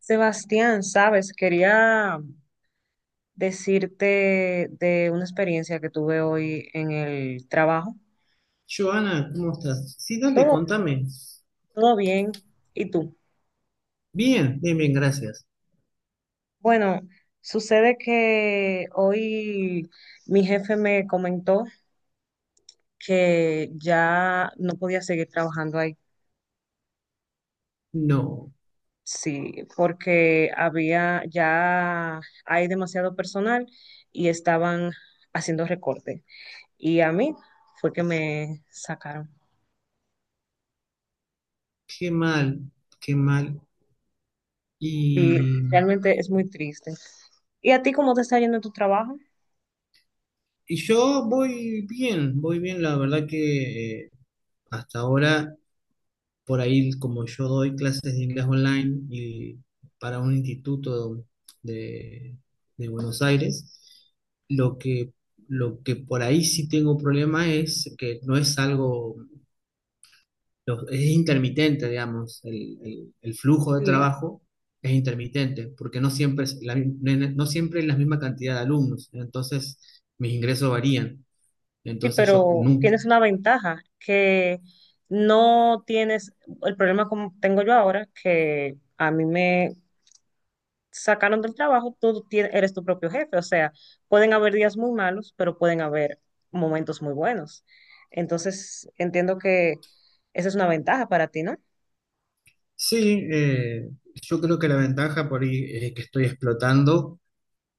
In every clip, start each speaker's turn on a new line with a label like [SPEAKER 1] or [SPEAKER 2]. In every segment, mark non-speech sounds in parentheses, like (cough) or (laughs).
[SPEAKER 1] Sebastián, sabes, quería decirte de una experiencia que tuve hoy en el trabajo.
[SPEAKER 2] Joana, ¿cómo estás? Sí, dale,
[SPEAKER 1] Todo,
[SPEAKER 2] contame.
[SPEAKER 1] todo bien. ¿Y tú?
[SPEAKER 2] Bien, bien, bien, gracias.
[SPEAKER 1] Bueno, sucede que hoy mi jefe me comentó que ya no podía seguir trabajando ahí.
[SPEAKER 2] No,
[SPEAKER 1] Sí, porque ya hay demasiado personal y estaban haciendo recorte. Y a mí fue que me sacaron.
[SPEAKER 2] qué mal, qué mal.
[SPEAKER 1] Sí,
[SPEAKER 2] Y,
[SPEAKER 1] realmente es muy triste. ¿Y a ti cómo te está yendo en tu trabajo?
[SPEAKER 2] y yo voy bien, la verdad que hasta ahora, por ahí, como yo doy clases de inglés online y para un instituto de, de Buenos Aires, lo que, lo que por ahí sí tengo problema es que no es algo es intermitente, digamos, el flujo de
[SPEAKER 1] Sí,
[SPEAKER 2] trabajo es intermitente, porque no siempre es no siempre es la misma cantidad de alumnos, entonces mis ingresos varían.
[SPEAKER 1] sí,
[SPEAKER 2] Entonces yo
[SPEAKER 1] pero
[SPEAKER 2] no.
[SPEAKER 1] tienes una ventaja que no tienes el problema como tengo yo ahora, que a mí me sacaron del trabajo, tú eres tu propio jefe, o sea, pueden haber días muy malos, pero pueden haber momentos muy buenos. Entonces, entiendo que esa es una ventaja para ti, ¿no?
[SPEAKER 2] Sí, eh, yo creo que la ventaja por ahí es que estoy explotando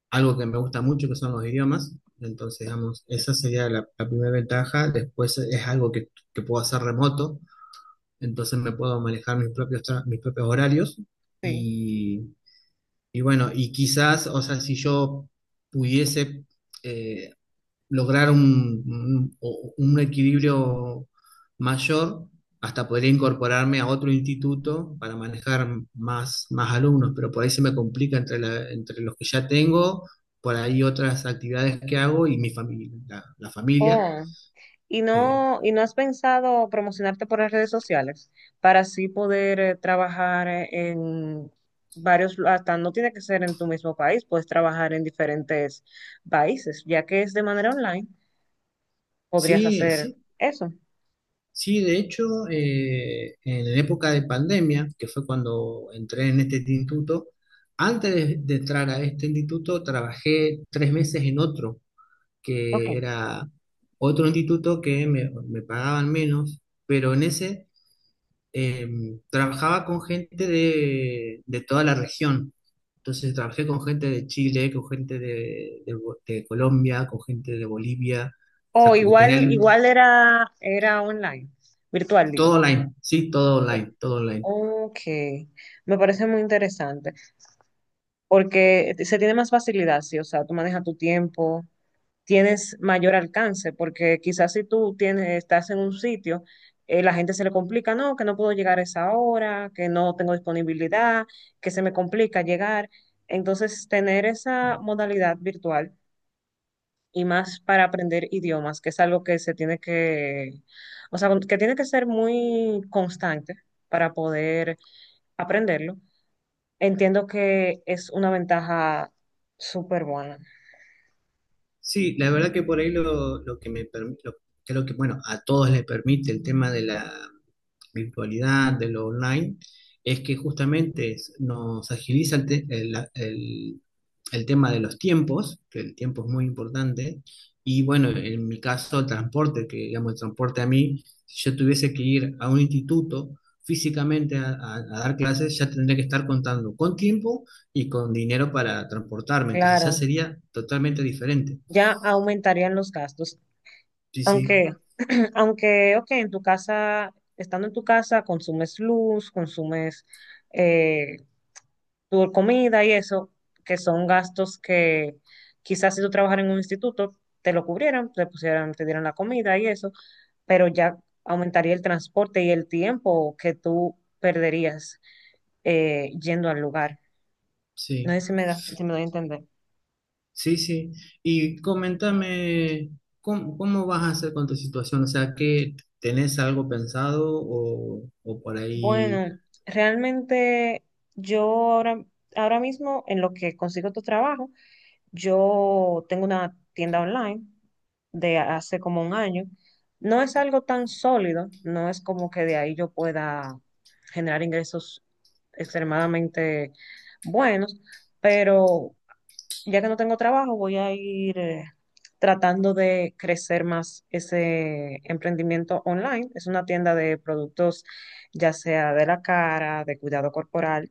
[SPEAKER 2] algo que me gusta mucho, que son los idiomas. Entonces, digamos, esa sería la primera ventaja. Después es algo que puedo hacer remoto, entonces me puedo manejar mis propios, mis propios horarios.
[SPEAKER 1] Sí.
[SPEAKER 2] Y bueno, y quizás, o sea, si yo pudiese eh, lograr un equilibrio mayor, hasta podría incorporarme a otro instituto para manejar más alumnos, pero por ahí se me complica entre los que ya tengo, por ahí otras actividades que hago y mi familia, la familia.
[SPEAKER 1] Oh. ¿Y
[SPEAKER 2] Eh,
[SPEAKER 1] no, y no has pensado promocionarte por las redes sociales para así poder trabajar en varios, hasta no tiene que ser en tu mismo país, puedes trabajar en diferentes países, ya que es de manera online, podrías
[SPEAKER 2] sí,
[SPEAKER 1] hacer
[SPEAKER 2] sí,
[SPEAKER 1] eso.
[SPEAKER 2] sí, de hecho, en la época de pandemia, que fue cuando entré en este instituto, antes de entrar a este instituto, trabajé 3 meses en otro,
[SPEAKER 1] Ok.
[SPEAKER 2] que era otro instituto que me pagaban menos, pero en ese eh, trabajaba con gente de toda la región. Entonces trabajé con gente de Chile, con gente de Colombia, con gente de Bolivia, o
[SPEAKER 1] O
[SPEAKER 2] sea, que
[SPEAKER 1] igual,
[SPEAKER 2] tenía
[SPEAKER 1] igual era online, virtual, digo.
[SPEAKER 2] todo online, sí, todo online, todo online.
[SPEAKER 1] Ok, me parece muy interesante, porque se tiene más facilidad, sí, o sea, tú manejas tu tiempo, tienes mayor alcance, porque quizás si tú estás en un sitio, la gente se le complica, no, que no puedo llegar a esa hora, que no tengo disponibilidad, que se me complica llegar. Entonces, tener esa modalidad virtual y más para aprender idiomas, que es algo que se tiene que, o sea, que tiene que ser muy constante para poder aprenderlo. Entiendo que es una ventaja súper buena.
[SPEAKER 2] Sí, la verdad que por ahí lo que me permite, creo que bueno, a todos les permite el tema de la virtualidad, de lo online, es que justamente nos agiliza el, te- el tema de los tiempos, que el tiempo es muy importante, y bueno, en mi caso el transporte, que digamos el transporte a mí, si yo tuviese que ir a un instituto físicamente a dar clases, ya tendría que estar contando con tiempo y con dinero para transportarme, entonces ya
[SPEAKER 1] Claro,
[SPEAKER 2] sería totalmente diferente.
[SPEAKER 1] ya aumentarían los gastos.
[SPEAKER 2] Sí, sí,
[SPEAKER 1] Aunque, (clears throat) aunque, ok, en tu casa, estando en tu casa, consumes luz, consumes eh, tu comida y eso, que son gastos que quizás si tú trabajas en un instituto, te lo cubrieran, te pusieran, te dieran la comida y eso, pero ya aumentaría el transporte y el tiempo que tú perderías yendo al lugar. No
[SPEAKER 2] sí,
[SPEAKER 1] sé si me doy a entender.
[SPEAKER 2] sí, sí. Y coméntame, ¿cómo vas a hacer con tu situación? O sea, ¿que tenés algo pensado o por ahí?
[SPEAKER 1] Bueno, realmente yo ahora mismo en lo que consigo tu trabajo, yo tengo una tienda online de hace como un año. No es algo tan sólido, no es como que de ahí yo pueda generar ingresos extremadamente buenos, pero ya que no tengo trabajo, voy a ir tratando de crecer más ese emprendimiento online. Es una tienda de productos, ya sea de la cara, de cuidado corporal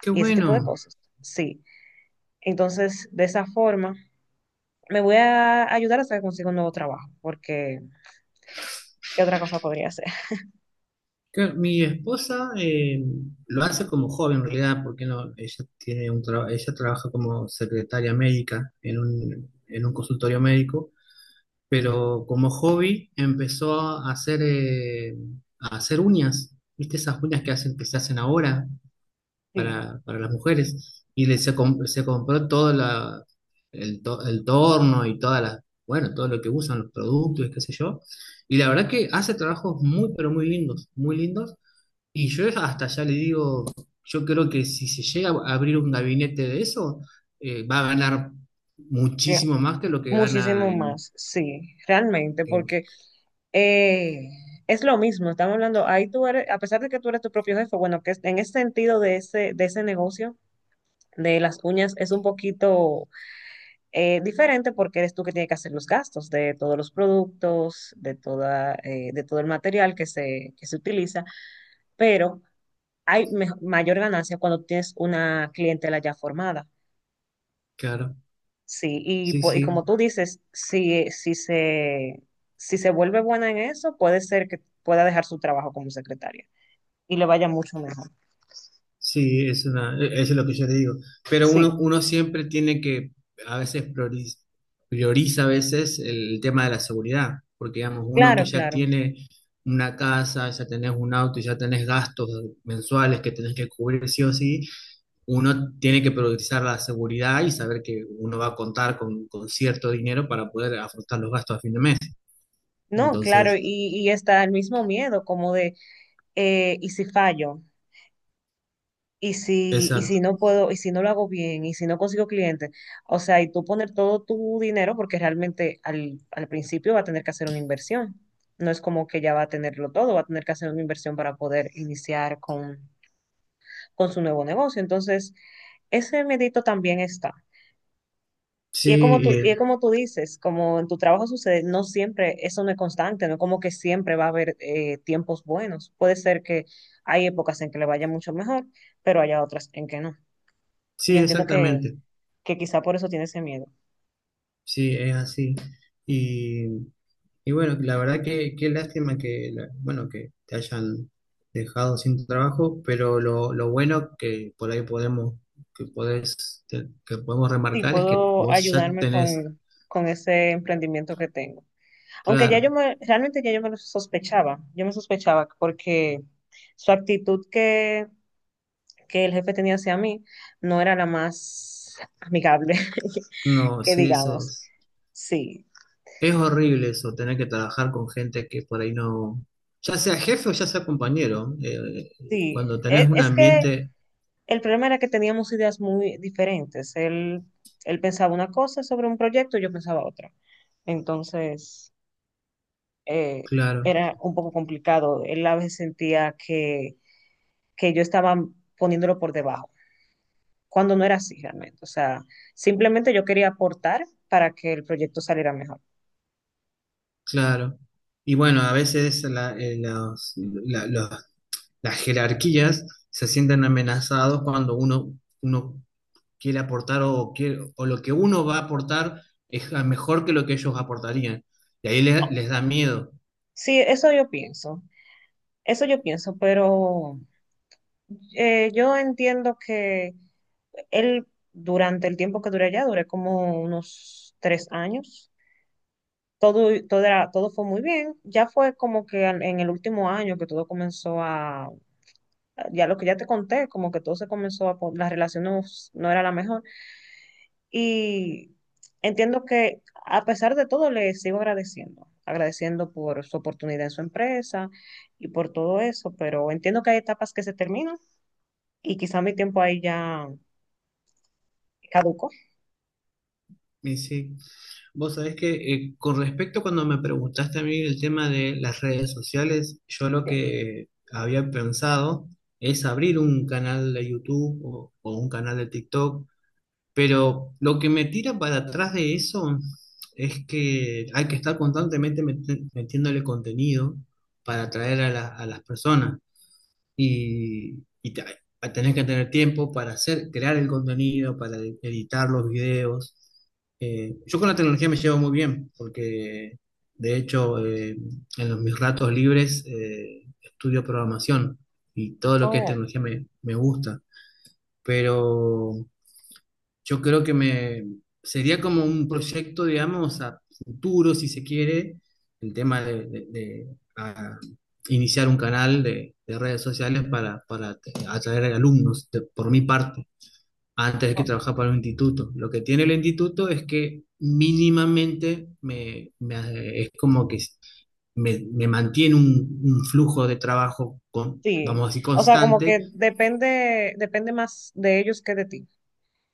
[SPEAKER 2] Qué
[SPEAKER 1] y ese tipo de
[SPEAKER 2] bueno,
[SPEAKER 1] cosas. Sí. Entonces, de esa forma me voy a ayudar hasta que consiga un nuevo trabajo, porque ¿qué otra cosa podría hacer? (laughs)
[SPEAKER 2] que mi esposa lo hace como joven en realidad, porque no, ella tiene ella trabaja como secretaria médica en un consultorio médico, pero como hobby empezó a hacer uñas. ¿Viste esas uñas que hacen, que se hacen ahora?
[SPEAKER 1] Sí,
[SPEAKER 2] Para las mujeres. Y se compró todo el torno y todas bueno, todo lo que usan, los productos y qué sé yo. Y la verdad que hace trabajos muy, pero muy lindos, muy lindos. Y yo hasta ya le digo, yo creo que si se llega a abrir un gabinete de eso, va a ganar
[SPEAKER 1] que-
[SPEAKER 2] muchísimo más que lo que
[SPEAKER 1] muchísimo
[SPEAKER 2] gana en,
[SPEAKER 1] más, sí, realmente,
[SPEAKER 2] en-
[SPEAKER 1] porque eh, es lo mismo, estamos hablando, a pesar de que tú eres tu propio jefe, bueno, en ese sentido de ese, negocio. De las uñas es un poquito diferente porque eres tú que tienes que hacer los gastos de todos los productos, de todo el material que se utiliza, pero hay mayor ganancia cuando tienes una clientela ya formada.
[SPEAKER 2] claro.
[SPEAKER 1] Sí, y,
[SPEAKER 2] Sí,
[SPEAKER 1] po- y
[SPEAKER 2] sí.
[SPEAKER 1] como tú dices, si se vuelve buena en eso, puede ser que pueda dejar su trabajo como secretaria y le vaya mucho mejor.
[SPEAKER 2] Sí, es eso es lo que yo te digo. Pero
[SPEAKER 1] Sí,
[SPEAKER 2] uno siempre tiene que, a veces prioriza, a veces el tema de la seguridad, porque digamos, uno que
[SPEAKER 1] claro,
[SPEAKER 2] ya
[SPEAKER 1] claro.
[SPEAKER 2] tiene una casa, ya tenés un auto, ya tenés gastos mensuales que tenés que cubrir sí o sí, uno tiene que priorizar la seguridad y saber que uno va a contar con cierto dinero para poder afrontar los gastos a fin de mes.
[SPEAKER 1] No, claro, y,
[SPEAKER 2] Entonces,
[SPEAKER 1] y está el mismo miedo como de, ¿y si fallo? ¿Y si, y
[SPEAKER 2] exacto.
[SPEAKER 1] si no puedo, y si no lo hago bien, y si no consigo clientes? O sea, y tú poner todo tu dinero porque realmente al principio va a tener que hacer una inversión. No es como que ya va a tenerlo todo, va a tener que hacer una inversión para poder iniciar con su nuevo negocio. Entonces, ese medito también está.
[SPEAKER 2] Sí,
[SPEAKER 1] Y es
[SPEAKER 2] y-
[SPEAKER 1] como tú dices, como en tu trabajo sucede, no siempre, eso no es constante, no es como que siempre va a haber tiempos buenos. Puede ser que hay épocas en que le vaya mucho mejor, pero haya otras en que no. Y
[SPEAKER 2] sí,
[SPEAKER 1] entiendo que,
[SPEAKER 2] exactamente.
[SPEAKER 1] que quizá por eso tiene ese miedo.
[SPEAKER 2] Sí, es así. Y bueno, la verdad que qué lástima que, bueno, que te hayan dejado sin trabajo, pero lo bueno que por ahí podemos, que podés, que podemos
[SPEAKER 1] Sí,
[SPEAKER 2] remarcar es que
[SPEAKER 1] puedo
[SPEAKER 2] vos ya
[SPEAKER 1] ayudarme
[SPEAKER 2] tenés,
[SPEAKER 1] con ese emprendimiento que tengo. Aunque
[SPEAKER 2] claro,
[SPEAKER 1] realmente ya yo me lo sospechaba, yo me sospechaba porque su actitud que el jefe tenía hacia mí no era la más amigable, (laughs)
[SPEAKER 2] no,
[SPEAKER 1] que
[SPEAKER 2] sí, eso
[SPEAKER 1] digamos.
[SPEAKER 2] es,
[SPEAKER 1] Sí,
[SPEAKER 2] es horrible eso, tener que trabajar con gente que por ahí no, ya sea jefe o ya sea compañero,
[SPEAKER 1] sí.
[SPEAKER 2] cuando tenés un
[SPEAKER 1] Es que
[SPEAKER 2] ambiente,
[SPEAKER 1] el problema era que teníamos ideas muy diferentes. Él pensaba una cosa sobre un proyecto, y yo pensaba otra. Entonces, eh,
[SPEAKER 2] claro,
[SPEAKER 1] era un poco complicado. Él a veces sentía que yo estaba poniéndolo por debajo, cuando no era así realmente. O sea, simplemente yo quería aportar para que el proyecto saliera mejor.
[SPEAKER 2] claro. Y bueno, a veces las jerarquías se sienten amenazados cuando uno quiere aportar o lo que uno va a aportar es mejor que lo que ellos aportarían. Y ahí les da miedo.
[SPEAKER 1] Sí, eso yo pienso. Eso yo pienso, pero yo entiendo que él durante el tiempo que duré allá, duré como unos 3 años, todo fue muy bien. Ya fue como que en el último año que todo comenzó a, ya lo que ya te conté, como que todo se comenzó a, la relación no era la mejor. Y entiendo que a pesar de todo le sigo agradeciendo, agradeciendo por su oportunidad en su empresa y por todo eso, pero entiendo que hay etapas que se terminan. Y quizá mi tiempo ahí ya caduco.
[SPEAKER 2] Y sí, vos sabés que con respecto a cuando me preguntaste a mí el tema de las redes sociales, yo lo
[SPEAKER 1] Sí.
[SPEAKER 2] que había pensado es abrir un canal de YouTube o un canal de TikTok. Pero lo que me tira para atrás de eso es que hay que estar constantemente metiéndole contenido para atraer a las personas y, a tener que tener tiempo para hacer, crear el contenido, para editar los videos. Yo con la tecnología me llevo muy bien porque, de hecho, en mis ratos libres estudio programación y todo lo que es
[SPEAKER 1] Oh,
[SPEAKER 2] tecnología me gusta, pero... Yo creo que me sería como un proyecto, digamos, a futuro, si se quiere, el tema de, ah, iniciar un canal de redes sociales para atraer alumnos, por mi parte, antes de que
[SPEAKER 1] oh,
[SPEAKER 2] trabajar para un instituto. Lo que tiene el instituto es que mínimamente es como que me mantiene un flujo de trabajo, con,
[SPEAKER 1] sí.
[SPEAKER 2] vamos a decir,
[SPEAKER 1] O sea, como
[SPEAKER 2] constante.
[SPEAKER 1] que depende, depende más de ellos que de ti.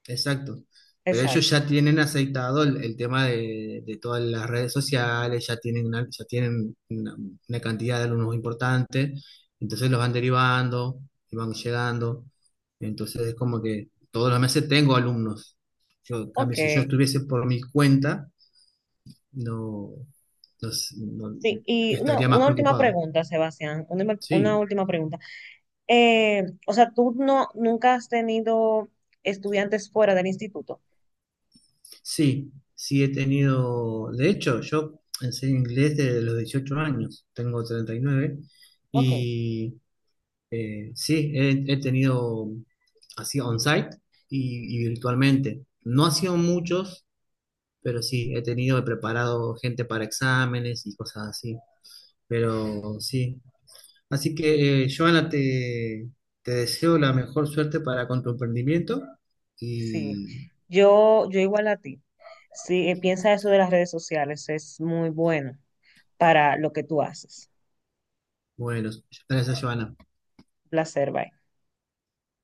[SPEAKER 2] Exacto. Pero ellos
[SPEAKER 1] Exacto.
[SPEAKER 2] ya tienen aceitado el tema de todas las redes sociales, ya tienen una cantidad de alumnos importante, entonces los van derivando y van llegando. Entonces es como que todos los meses tengo alumnos. Yo, en cambio,
[SPEAKER 1] Ok.
[SPEAKER 2] si yo estuviese por mi cuenta, no, no s- no-
[SPEAKER 1] Sí, y una,
[SPEAKER 2] estaría más
[SPEAKER 1] una última
[SPEAKER 2] preocupado.
[SPEAKER 1] pregunta, Sebastián, una
[SPEAKER 2] Sí,
[SPEAKER 1] última pregunta. O sea, tú no, nunca has tenido estudiantes fuera del instituto.
[SPEAKER 2] sí, sí he tenido, de hecho, yo enseño inglés desde los 18 años, tengo 39, y nueve,
[SPEAKER 1] Ok.
[SPEAKER 2] y sí, he tenido así on-site y virtualmente. No ha sido muchos, pero sí, he tenido, he preparado gente para exámenes y cosas así, pero sí. Así que, Joana, te deseo la mejor suerte para con tu emprendimiento
[SPEAKER 1] Sí,
[SPEAKER 2] y
[SPEAKER 1] yo igual a ti. Sí, piensa eso de las redes sociales, es muy bueno para lo que tú haces.
[SPEAKER 2] bueno, gracias, Joana.
[SPEAKER 1] Placer, bye.